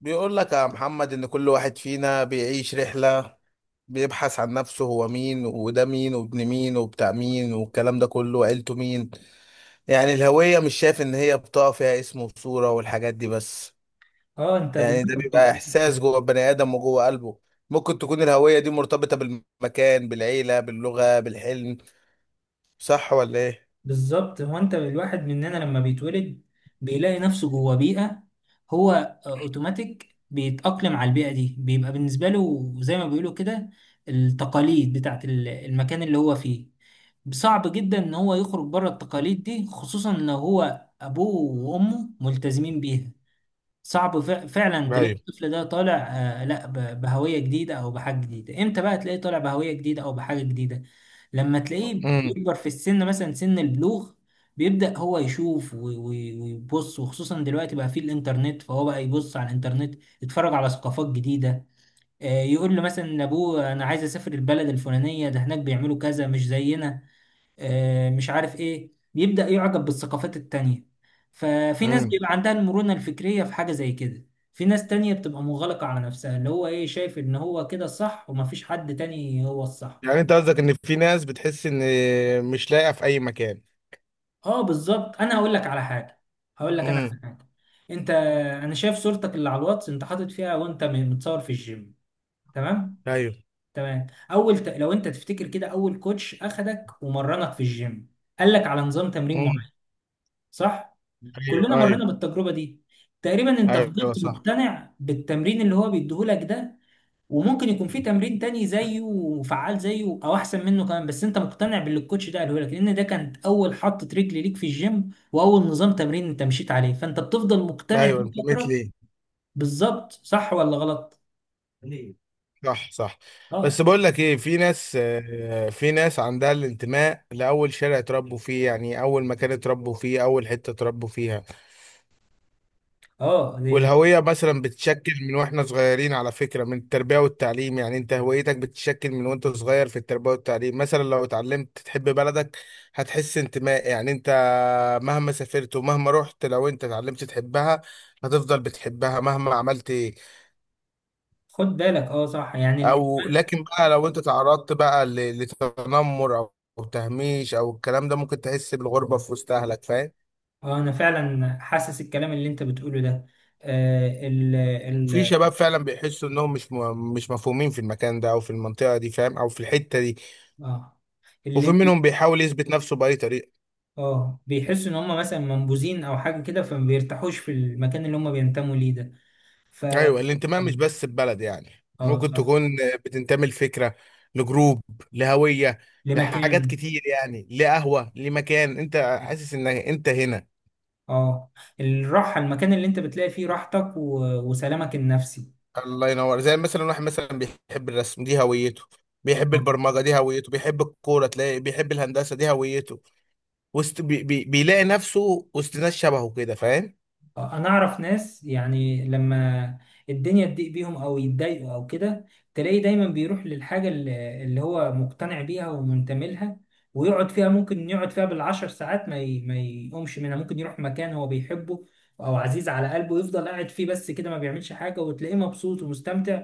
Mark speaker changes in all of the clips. Speaker 1: بيقول لك يا محمد إن كل واحد فينا بيعيش رحلة، بيبحث عن نفسه، هو مين وده مين وابن مين وبتاع مين والكلام ده كله وعيلته مين. يعني الهوية مش شايف إن هي بطاقة فيها اسم وصورة والحاجات دي بس.
Speaker 2: اه انت
Speaker 1: يعني ده
Speaker 2: بالواحد
Speaker 1: بيبقى
Speaker 2: بت...
Speaker 1: إحساس جوه البني آدم وجوه قلبه. ممكن تكون الهوية دي مرتبطة بالمكان بالعيلة باللغة بالحلم. صح ولا إيه؟
Speaker 2: بالظبط هو انت الواحد مننا لما بيتولد بيلاقي نفسه جوه بيئة، هو اوتوماتيك بيتأقلم على البيئة دي، بيبقى بالنسبة له زي ما بيقولوا كده التقاليد بتاعت المكان اللي هو فيه. صعب جدا ان هو يخرج بره التقاليد دي خصوصا لو هو ابوه وامه ملتزمين بيها. صعب فعلا تلاقي
Speaker 1: ايوه.
Speaker 2: الطفل ده طالع، لا بهوية جديدة او بحاجة جديدة. امتى بقى تلاقيه طالع بهوية جديدة او بحاجة جديدة؟ لما تلاقيه
Speaker 1: امم.
Speaker 2: بيكبر في السن، مثلا سن البلوغ، بيبدأ هو يشوف ويبص وخصوصا دلوقتي بقى فيه الانترنت، فهو بقى يبص على الانترنت يتفرج على ثقافات جديدة. يقول له مثلا لابوه انا عايز اسافر البلد الفلانية، ده هناك بيعملوا كذا مش زينا، مش عارف ايه. بيبدأ يعجب بالثقافات التانية. ففي ناس
Speaker 1: امم.
Speaker 2: بيبقى عندها المرونة الفكرية في حاجة زي كده، في ناس تانية بتبقى مغلقة على نفسها، اللي هو ايه، شايف ان هو كده الصح ومفيش حد تاني هو الصح.
Speaker 1: يعني انت قصدك ان في ناس بتحس ان مش لاقيه في اي مكان.
Speaker 2: اه بالظبط. انا هقول لك على حاجة، هقول لك انا على
Speaker 1: امم.
Speaker 2: حاجة. انت، انا شايف صورتك اللي على الواتس انت حاطط فيها وانت متصور في الجيم. تمام؟
Speaker 1: ايوه.
Speaker 2: تمام. لو انت تفتكر كده، اول كوتش اخدك ومرنك في الجيم قال لك على نظام تمرين
Speaker 1: مم.
Speaker 2: معين، صح؟ كلنا
Speaker 1: ايوه، ايوه.
Speaker 2: مرينا بالتجربة دي. تقريبا انت
Speaker 1: ايوه
Speaker 2: فضلت
Speaker 1: صح.
Speaker 2: مقتنع بالتمرين اللي هو بيديهولك ده. وممكن يكون في تمرين تاني زيه وفعال زيه او احسن منه كمان، بس انت مقتنع باللي الكوتش ده قاله لك، لان ده كانت اول حطة رجل ليك في الجيم واول نظام تمرين انت مشيت عليه، فانت بتفضل مقتنع
Speaker 1: ايوه
Speaker 2: بيه
Speaker 1: انتميت
Speaker 2: فترة.
Speaker 1: ليه.
Speaker 2: بالظبط، صح ولا غلط؟
Speaker 1: ليه؟ صح، صح.
Speaker 2: اه.
Speaker 1: بس بقول لك ايه، في ناس في ناس عندها الانتماء لاول شارع اتربوا فيه، يعني اول مكان اتربوا فيه، اول حته اتربوا فيها.
Speaker 2: اه دي.
Speaker 1: والهوية مثلا بتتشكل من واحنا صغيرين على فكرة، من التربية والتعليم. يعني انت هويتك بتتشكل من وانت صغير في التربية والتعليم. مثلا لو اتعلمت تحب بلدك هتحس انتماء، يعني انت مهما سافرت ومهما رحت، لو انت اتعلمت تحبها هتفضل بتحبها مهما عملت ايه.
Speaker 2: خد بالك. اه صح.
Speaker 1: او لكن بقى لو انت تعرضت بقى لتنمر او أو تهميش او الكلام ده، ممكن تحس بالغربة في وسط اهلك، فاهم.
Speaker 2: اه انا فعلا حاسس الكلام اللي انت بتقوله ده، آه ال
Speaker 1: في
Speaker 2: ال
Speaker 1: شباب فعلا بيحسوا انهم مش مفهومين في المكان ده او في المنطقة دي، فاهم، او في الحتة دي.
Speaker 2: اه.
Speaker 1: وفي منهم بيحاول يثبت نفسه بأي طريقة.
Speaker 2: اه بيحسوا ان هم مثلا منبوذين او حاجه كده، فما بيرتاحوش في المكان اللي هم بينتموا ليه ده. ف
Speaker 1: أيوة
Speaker 2: اه
Speaker 1: الانتماء مش بس ببلد، يعني
Speaker 2: آه،
Speaker 1: ممكن
Speaker 2: صح.
Speaker 1: تكون بتنتمي لفكرة، لجروب، لهوية، لحاجات
Speaker 2: لمكان.
Speaker 1: كتير، يعني لقهوة، لمكان أنت حاسس إن أنت هنا.
Speaker 2: اه، الراحه، المكان اللي انت بتلاقي فيه راحتك وسلامك النفسي.
Speaker 1: الله ينور. زي مثلا واحد مثلا بيحب الرسم دي هويته، بيحب
Speaker 2: آه.
Speaker 1: البرمجة دي هويته، بيحب الكورة، تلاقي بيحب الهندسة دي هويته. وسط بي بي بيلاقي نفسه وسط ناس شبهه كده، فاهم؟
Speaker 2: انا اعرف ناس يعني لما الدنيا تضيق بيهم او يتضايقوا او كده، تلاقيه دايما بيروح للحاجه اللي هو مقتنع بيها ومنتمي لها، ويقعد فيها، ممكن يقعد فيها بالعشر ساعات ما يقومش منها. ممكن يروح مكان هو بيحبه او عزيز على قلبه يفضل قاعد فيه بس كده، ما بيعملش حاجه وتلاقيه مبسوط ومستمتع.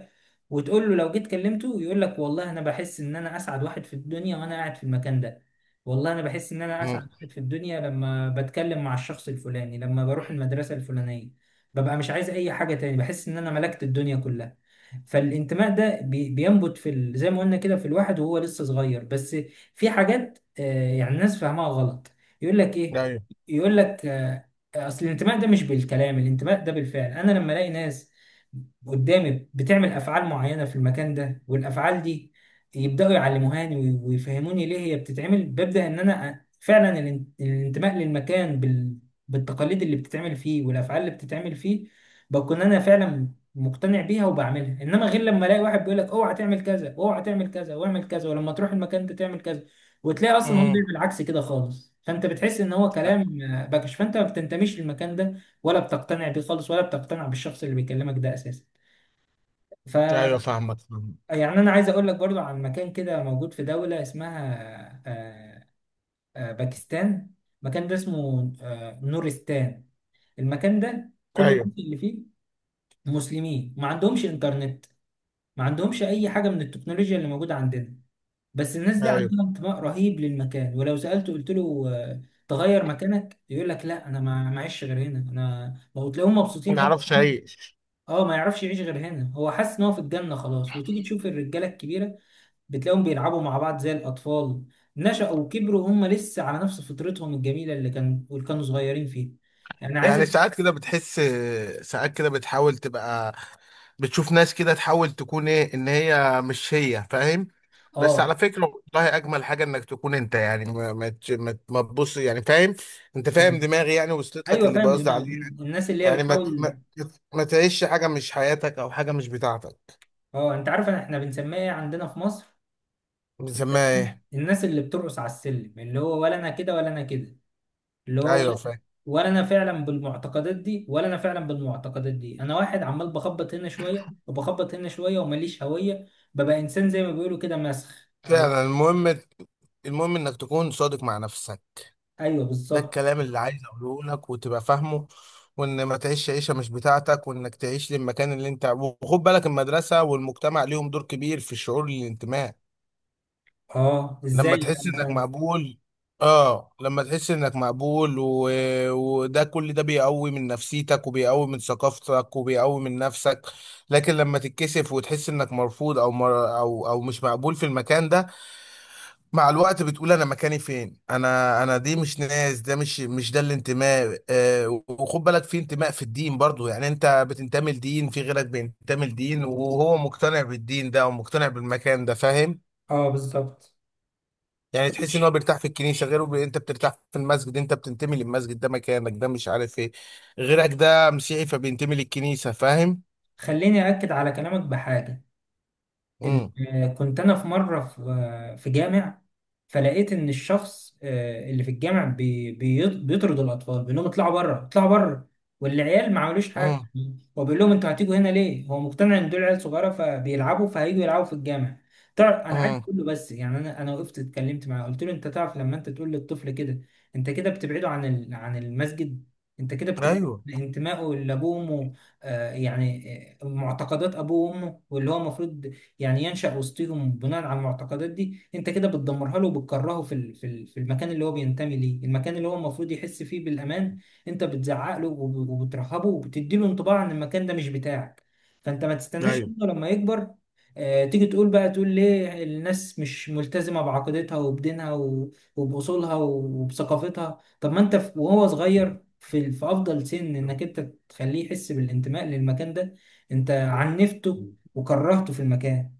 Speaker 2: وتقول له لو جيت كلمته يقول لك والله انا بحس ان انا اسعد واحد في الدنيا وانا قاعد في المكان ده، والله انا بحس ان انا اسعد
Speaker 1: مم.
Speaker 2: واحد في الدنيا لما بتكلم مع الشخص الفلاني، لما بروح المدرسه الفلانيه ببقى مش عايز اي حاجه تاني، بحس ان انا ملكت الدنيا كلها. فالانتماء ده بينبت في زي ما قلنا كده في الواحد وهو لسه صغير. بس في حاجات، يعني الناس فاهمها غلط. يقول لك ايه،
Speaker 1: أيوه.
Speaker 2: يقول لك اصل الانتماء ده مش بالكلام، الانتماء ده بالفعل. انا لما الاقي ناس قدامي بتعمل افعال معينه في المكان ده، والافعال دي يبداوا يعلموهاني ويفهموني ليه هي بتتعمل، ببدا ان انا فعلا الانتماء للمكان بالتقاليد اللي بتتعمل فيه والافعال اللي بتتعمل فيه، بكون انا فعلا مقتنع بيها وبعملها. انما غير لما الاقي واحد بيقول لك اوعى تعمل كذا، اوعى تعمل كذا، واعمل كذا، ولما تروح المكان ده تعمل كذا، وتلاقي اصلا هو
Speaker 1: مم.
Speaker 2: بيعمل عكس كده خالص، فانت بتحس ان هو
Speaker 1: لا.
Speaker 2: كلام، باكش، فانت ما بتنتميش للمكان ده ولا بتقتنع بيه خالص، ولا بتقتنع بالشخص اللي بيكلمك ده
Speaker 1: أيوه،
Speaker 2: اساسا.
Speaker 1: فاهمك فاهمك.
Speaker 2: يعني انا عايز اقول لك برضو عن مكان كده موجود في دولة اسمها باكستان. المكان ده اسمه نورستان. المكان ده كل الناس
Speaker 1: أيوه
Speaker 2: اللي فيه مسلمين، ما عندهمش انترنت، ما عندهمش اي حاجة من التكنولوجيا اللي موجودة عندنا. بس الناس دي
Speaker 1: أيوه.
Speaker 2: عندها انتماء رهيب للمكان، ولو سألته قلت له تغير مكانك، يقول لك لا انا ما معيش غير هنا انا. وتلاقيهم
Speaker 1: ما
Speaker 2: مبسوطين قوي.
Speaker 1: نعرفش أي.
Speaker 2: اه ما يعرفش يعيش غير هنا، هو حاسس ان هو في الجنة خلاص. وتيجي تشوف الرجالة الكبيرة بتلاقيهم بيلعبوا مع بعض زي الأطفال، نشأوا وكبروا هم لسه على نفس فطرتهم الجميلة اللي كانوا صغيرين فيها. يعني
Speaker 1: يعني
Speaker 2: عايزك.
Speaker 1: ساعات كده بتحس، ساعات كده بتحاول تبقى، بتشوف ناس كده تحاول تكون ايه، ان هي مش هي، فاهم. بس على
Speaker 2: اه.
Speaker 1: فكرة والله اجمل حاجة انك تكون انت، يعني ما ما تبص يعني، فاهم. انت فاهم
Speaker 2: مم.
Speaker 1: دماغي، يعني وصلت لك
Speaker 2: ايوه
Speaker 1: اللي
Speaker 2: فاهم
Speaker 1: بقصد
Speaker 2: دماغك،
Speaker 1: عليه.
Speaker 2: الناس اللي هي
Speaker 1: يعني ما ت-
Speaker 2: بتحاول.
Speaker 1: ما ما تعيش حاجة مش حياتك او حاجة مش بتاعتك.
Speaker 2: اه، انت عارف احنا بنسميها ايه عندنا في مصر؟
Speaker 1: بنسميها
Speaker 2: بنسميها
Speaker 1: ايه؟
Speaker 2: الناس اللي بترقص على السلم، اللي هو ولا انا كده ولا انا كده، اللي هو ولا
Speaker 1: ايوه
Speaker 2: انا
Speaker 1: فاهم.
Speaker 2: ولا أنا فعلا بالمعتقدات دي ولا انا فعلا بالمعتقدات دي، انا واحد عمال بخبط هنا شويه وبخبط هنا شويه ومليش هويه، ببقى انسان زي ما بيقولوا كده مسخ او.
Speaker 1: فعلا المهم، المهم انك تكون صادق مع نفسك.
Speaker 2: ايوه
Speaker 1: ده
Speaker 2: بالظبط.
Speaker 1: الكلام اللي عايز اقوله لك وتبقى فاهمه، وان ما تعيش عيشه مش بتاعتك، وانك تعيش للمكان اللي انت. وخد بالك المدرسه والمجتمع ليهم دور كبير في الشعور الانتماء.
Speaker 2: اه
Speaker 1: لما
Speaker 2: ازاي
Speaker 1: تحس
Speaker 2: يعني
Speaker 1: انك
Speaker 2: مثلا؟
Speaker 1: مقبول، اه لما تحس انك مقبول و... وده كل ده بيقوي من نفسيتك، وبيقوي من ثقافتك، وبيقوي من نفسك. لكن لما تتكسف وتحس انك مرفوض او مر... او او مش مقبول في المكان ده، مع الوقت بتقول انا مكاني فين، انا دي مش ناس، ده مش ده الانتماء. وخد بالك في انتماء في الدين برضو. يعني انت بتنتمي لدين، في غيرك بينتمي لدين وهو مقتنع بالدين ده ومقتنع بالمكان ده، فاهم.
Speaker 2: اه بالظبط.
Speaker 1: يعني تحس ان هو بيرتاح في الكنيسه، غيره بي... انت بترتاح في المسجد، انت بتنتمي للمسجد، ده مكانك، ده مش عارف ايه. غيرك ده مسيحي فبينتمي للكنيسه، فاهم.
Speaker 2: خليني اكد على كلامك بحاجه.
Speaker 1: امم.
Speaker 2: كنت انا في مره في في جامع، فلقيت ان الشخص اللي في الجامع بيطرد الاطفال، بيقول لهم اطلعوا بره اطلعوا بره، والعيال ما عملوش حاجه.
Speaker 1: امم.
Speaker 2: هو بيقول لهم انتوا هتيجوا هنا ليه؟ هو مقتنع ان دول عيال صغيره فبيلعبوا، فهيجوا يلعبوا في الجامع. تعرف انا عايز
Speaker 1: امم.
Speaker 2: اقول له بس، يعني انا وقفت اتكلمت معاه قلت له انت تعرف لما انت تقول للطفل كده انت كده بتبعده عن عن المسجد، انت كده بتبعد
Speaker 1: ايوه.
Speaker 2: عن انتمائه لابوه وامه، يعني معتقدات ابوه وامه واللي هو المفروض يعني ينشأ وسطهم بناء على المعتقدات دي، انت كده بتدمرها له وبتكرهه في في المكان اللي هو بينتمي ليه، المكان اللي هو المفروض يحس فيه بالأمان. انت بتزعق له وبترهبه وبتدي له انطباع ان المكان ده مش بتاعك، فانت ما تستناش
Speaker 1: ايوه.
Speaker 2: منه لما يكبر. تيجي تقول بقى، تقول ليه الناس مش ملتزمة بعقيدتها وبدينها وبأصولها وبثقافتها؟ طب ما انت وهو صغير في افضل سن انك انت تخليه يحس بالانتماء للمكان ده، انت عنفته وكرهته في المكان.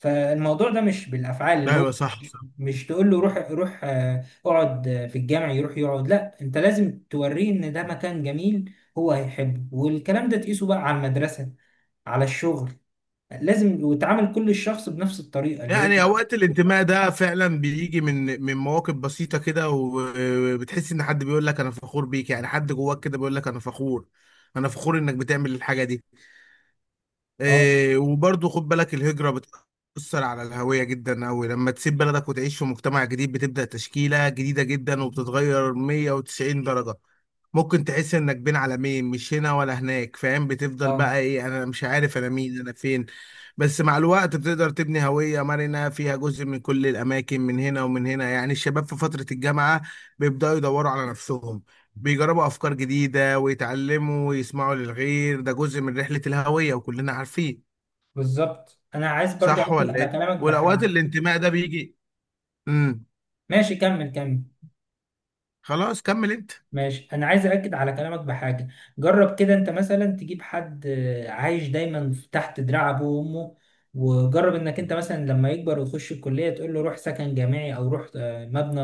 Speaker 2: فالموضوع ده مش بالافعال اللي
Speaker 1: ايوه
Speaker 2: هو.
Speaker 1: صح.
Speaker 2: مش تقول له روح، اقعد في الجامع يروح يقعد. لا، انت لازم توريه ان ده مكان جميل، هو هيحبه. والكلام ده تقيسه بقى على المدرسة، على الشغل. لازم وتعامل كل الشخص بنفس الطريقة اللي هي.
Speaker 1: يعني اوقات الانتماء ده فعلا بيجي من مواقف بسيطه كده، وبتحس ان حد بيقول لك انا فخور بيك، يعني حد جواك كده بيقول لك انا فخور، انا فخور انك بتعمل الحاجه دي.
Speaker 2: اه.
Speaker 1: إيه وبرضه خد بالك الهجرة بتأثر على الهوية جدا أوي. لما تسيب بلدك وتعيش في مجتمع جديد بتبدأ تشكيلة جديدة جدا، وبتتغير 190 درجة. ممكن تحس إنك بين عالمين، مش هنا ولا هناك، فاهم. بتفضل
Speaker 2: اه
Speaker 1: بقى إيه، أنا مش عارف أنا مين، أنا فين. بس مع الوقت بتقدر تبني هوية مرنة فيها جزء من كل الأماكن، من هنا ومن هنا. يعني الشباب في فترة الجامعة بيبدأوا يدوروا على نفسهم، بيجربوا افكار جديده ويتعلموا ويسمعوا للغير. ده جزء من رحله الهويه وكلنا عارفين.
Speaker 2: بالظبط. انا عايز برضو
Speaker 1: صح
Speaker 2: اكد
Speaker 1: ولا
Speaker 2: على
Speaker 1: ايه؟
Speaker 2: كلامك
Speaker 1: والاوقات
Speaker 2: بحاجة.
Speaker 1: الانتماء ده بيجي. امم.
Speaker 2: ماشي كمل كمل.
Speaker 1: خلاص كمل انت.
Speaker 2: ماشي، انا عايز اكد على كلامك بحاجه. جرب كده انت مثلا تجيب حد عايش دايما تحت دراع ابوه وامه، وجرب انك انت مثلا لما يكبر ويخش الكليه تقول له روح سكن جامعي، او روح مبنى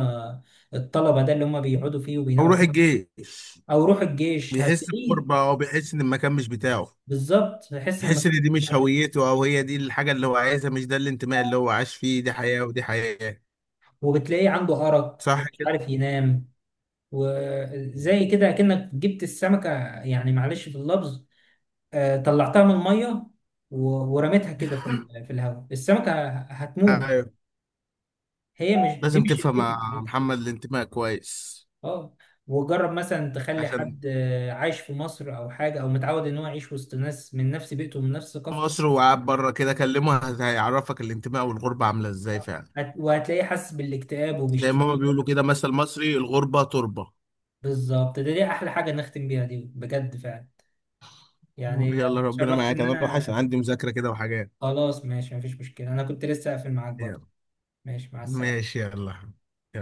Speaker 2: الطلبه ده اللي هم بيقعدوا فيه
Speaker 1: او
Speaker 2: وبيناموا
Speaker 1: روح
Speaker 2: فيه،
Speaker 1: الجيش.
Speaker 2: او روح الجيش.
Speaker 1: بيحس بغربه،
Speaker 2: هتلاقيه.
Speaker 1: او بيحس ان المكان مش بتاعه.
Speaker 2: بالظبط هيحس ان
Speaker 1: بيحس ان
Speaker 2: مسؤول
Speaker 1: دي مش
Speaker 2: بتاعه.
Speaker 1: هويته، او هي دي الحاجه اللي هو عايزها، مش ده الانتماء اللي هو عاش فيه، دي حياه ودي حياه.
Speaker 2: وبتلاقيه عنده ارق
Speaker 1: صح
Speaker 2: ومش
Speaker 1: كده.
Speaker 2: عارف ينام. وزي كده اكنك جبت السمكه، يعني معلش في اللفظ، طلعتها من الميه ورميتها كده في في الهواء، السمكه هتموت،
Speaker 1: ايوه.
Speaker 2: هي مش، دي
Speaker 1: لازم
Speaker 2: مش
Speaker 1: تفهم
Speaker 2: البيئه
Speaker 1: يا
Speaker 2: بتاعتها.
Speaker 1: محمد، الانتماء كويس.
Speaker 2: اه، وجرب مثلا تخلي
Speaker 1: عشان
Speaker 2: حد عايش في مصر او حاجه، او متعود ان هو يعيش وسط ناس من نفس بيئته ومن نفس ثقافته.
Speaker 1: مصر، وقعد بره كده كلمه هيعرفك الانتماء والغربه عامله ازاي فعلا.
Speaker 2: وهتلاقيه حاسس بالاكتئاب
Speaker 1: زي ما هما
Speaker 2: وبيشتكي لك.
Speaker 1: بيقولوا كده، مثل مصري، الغربه تربه.
Speaker 2: بالظبط. ده دي احلى حاجه نختم بيها، دي بجد فعلا. يعني
Speaker 1: يلا ربنا
Speaker 2: اتشرفت
Speaker 1: معاك،
Speaker 2: ان
Speaker 1: انا اروح
Speaker 2: انا.
Speaker 1: عشان عندي مذاكره كده وحاجات.
Speaker 2: خلاص ماشي، مفيش مشكله، انا كنت لسه قافل معاك برضه.
Speaker 1: يلا.
Speaker 2: ماشي، مع السلامه.
Speaker 1: ماشي يلا.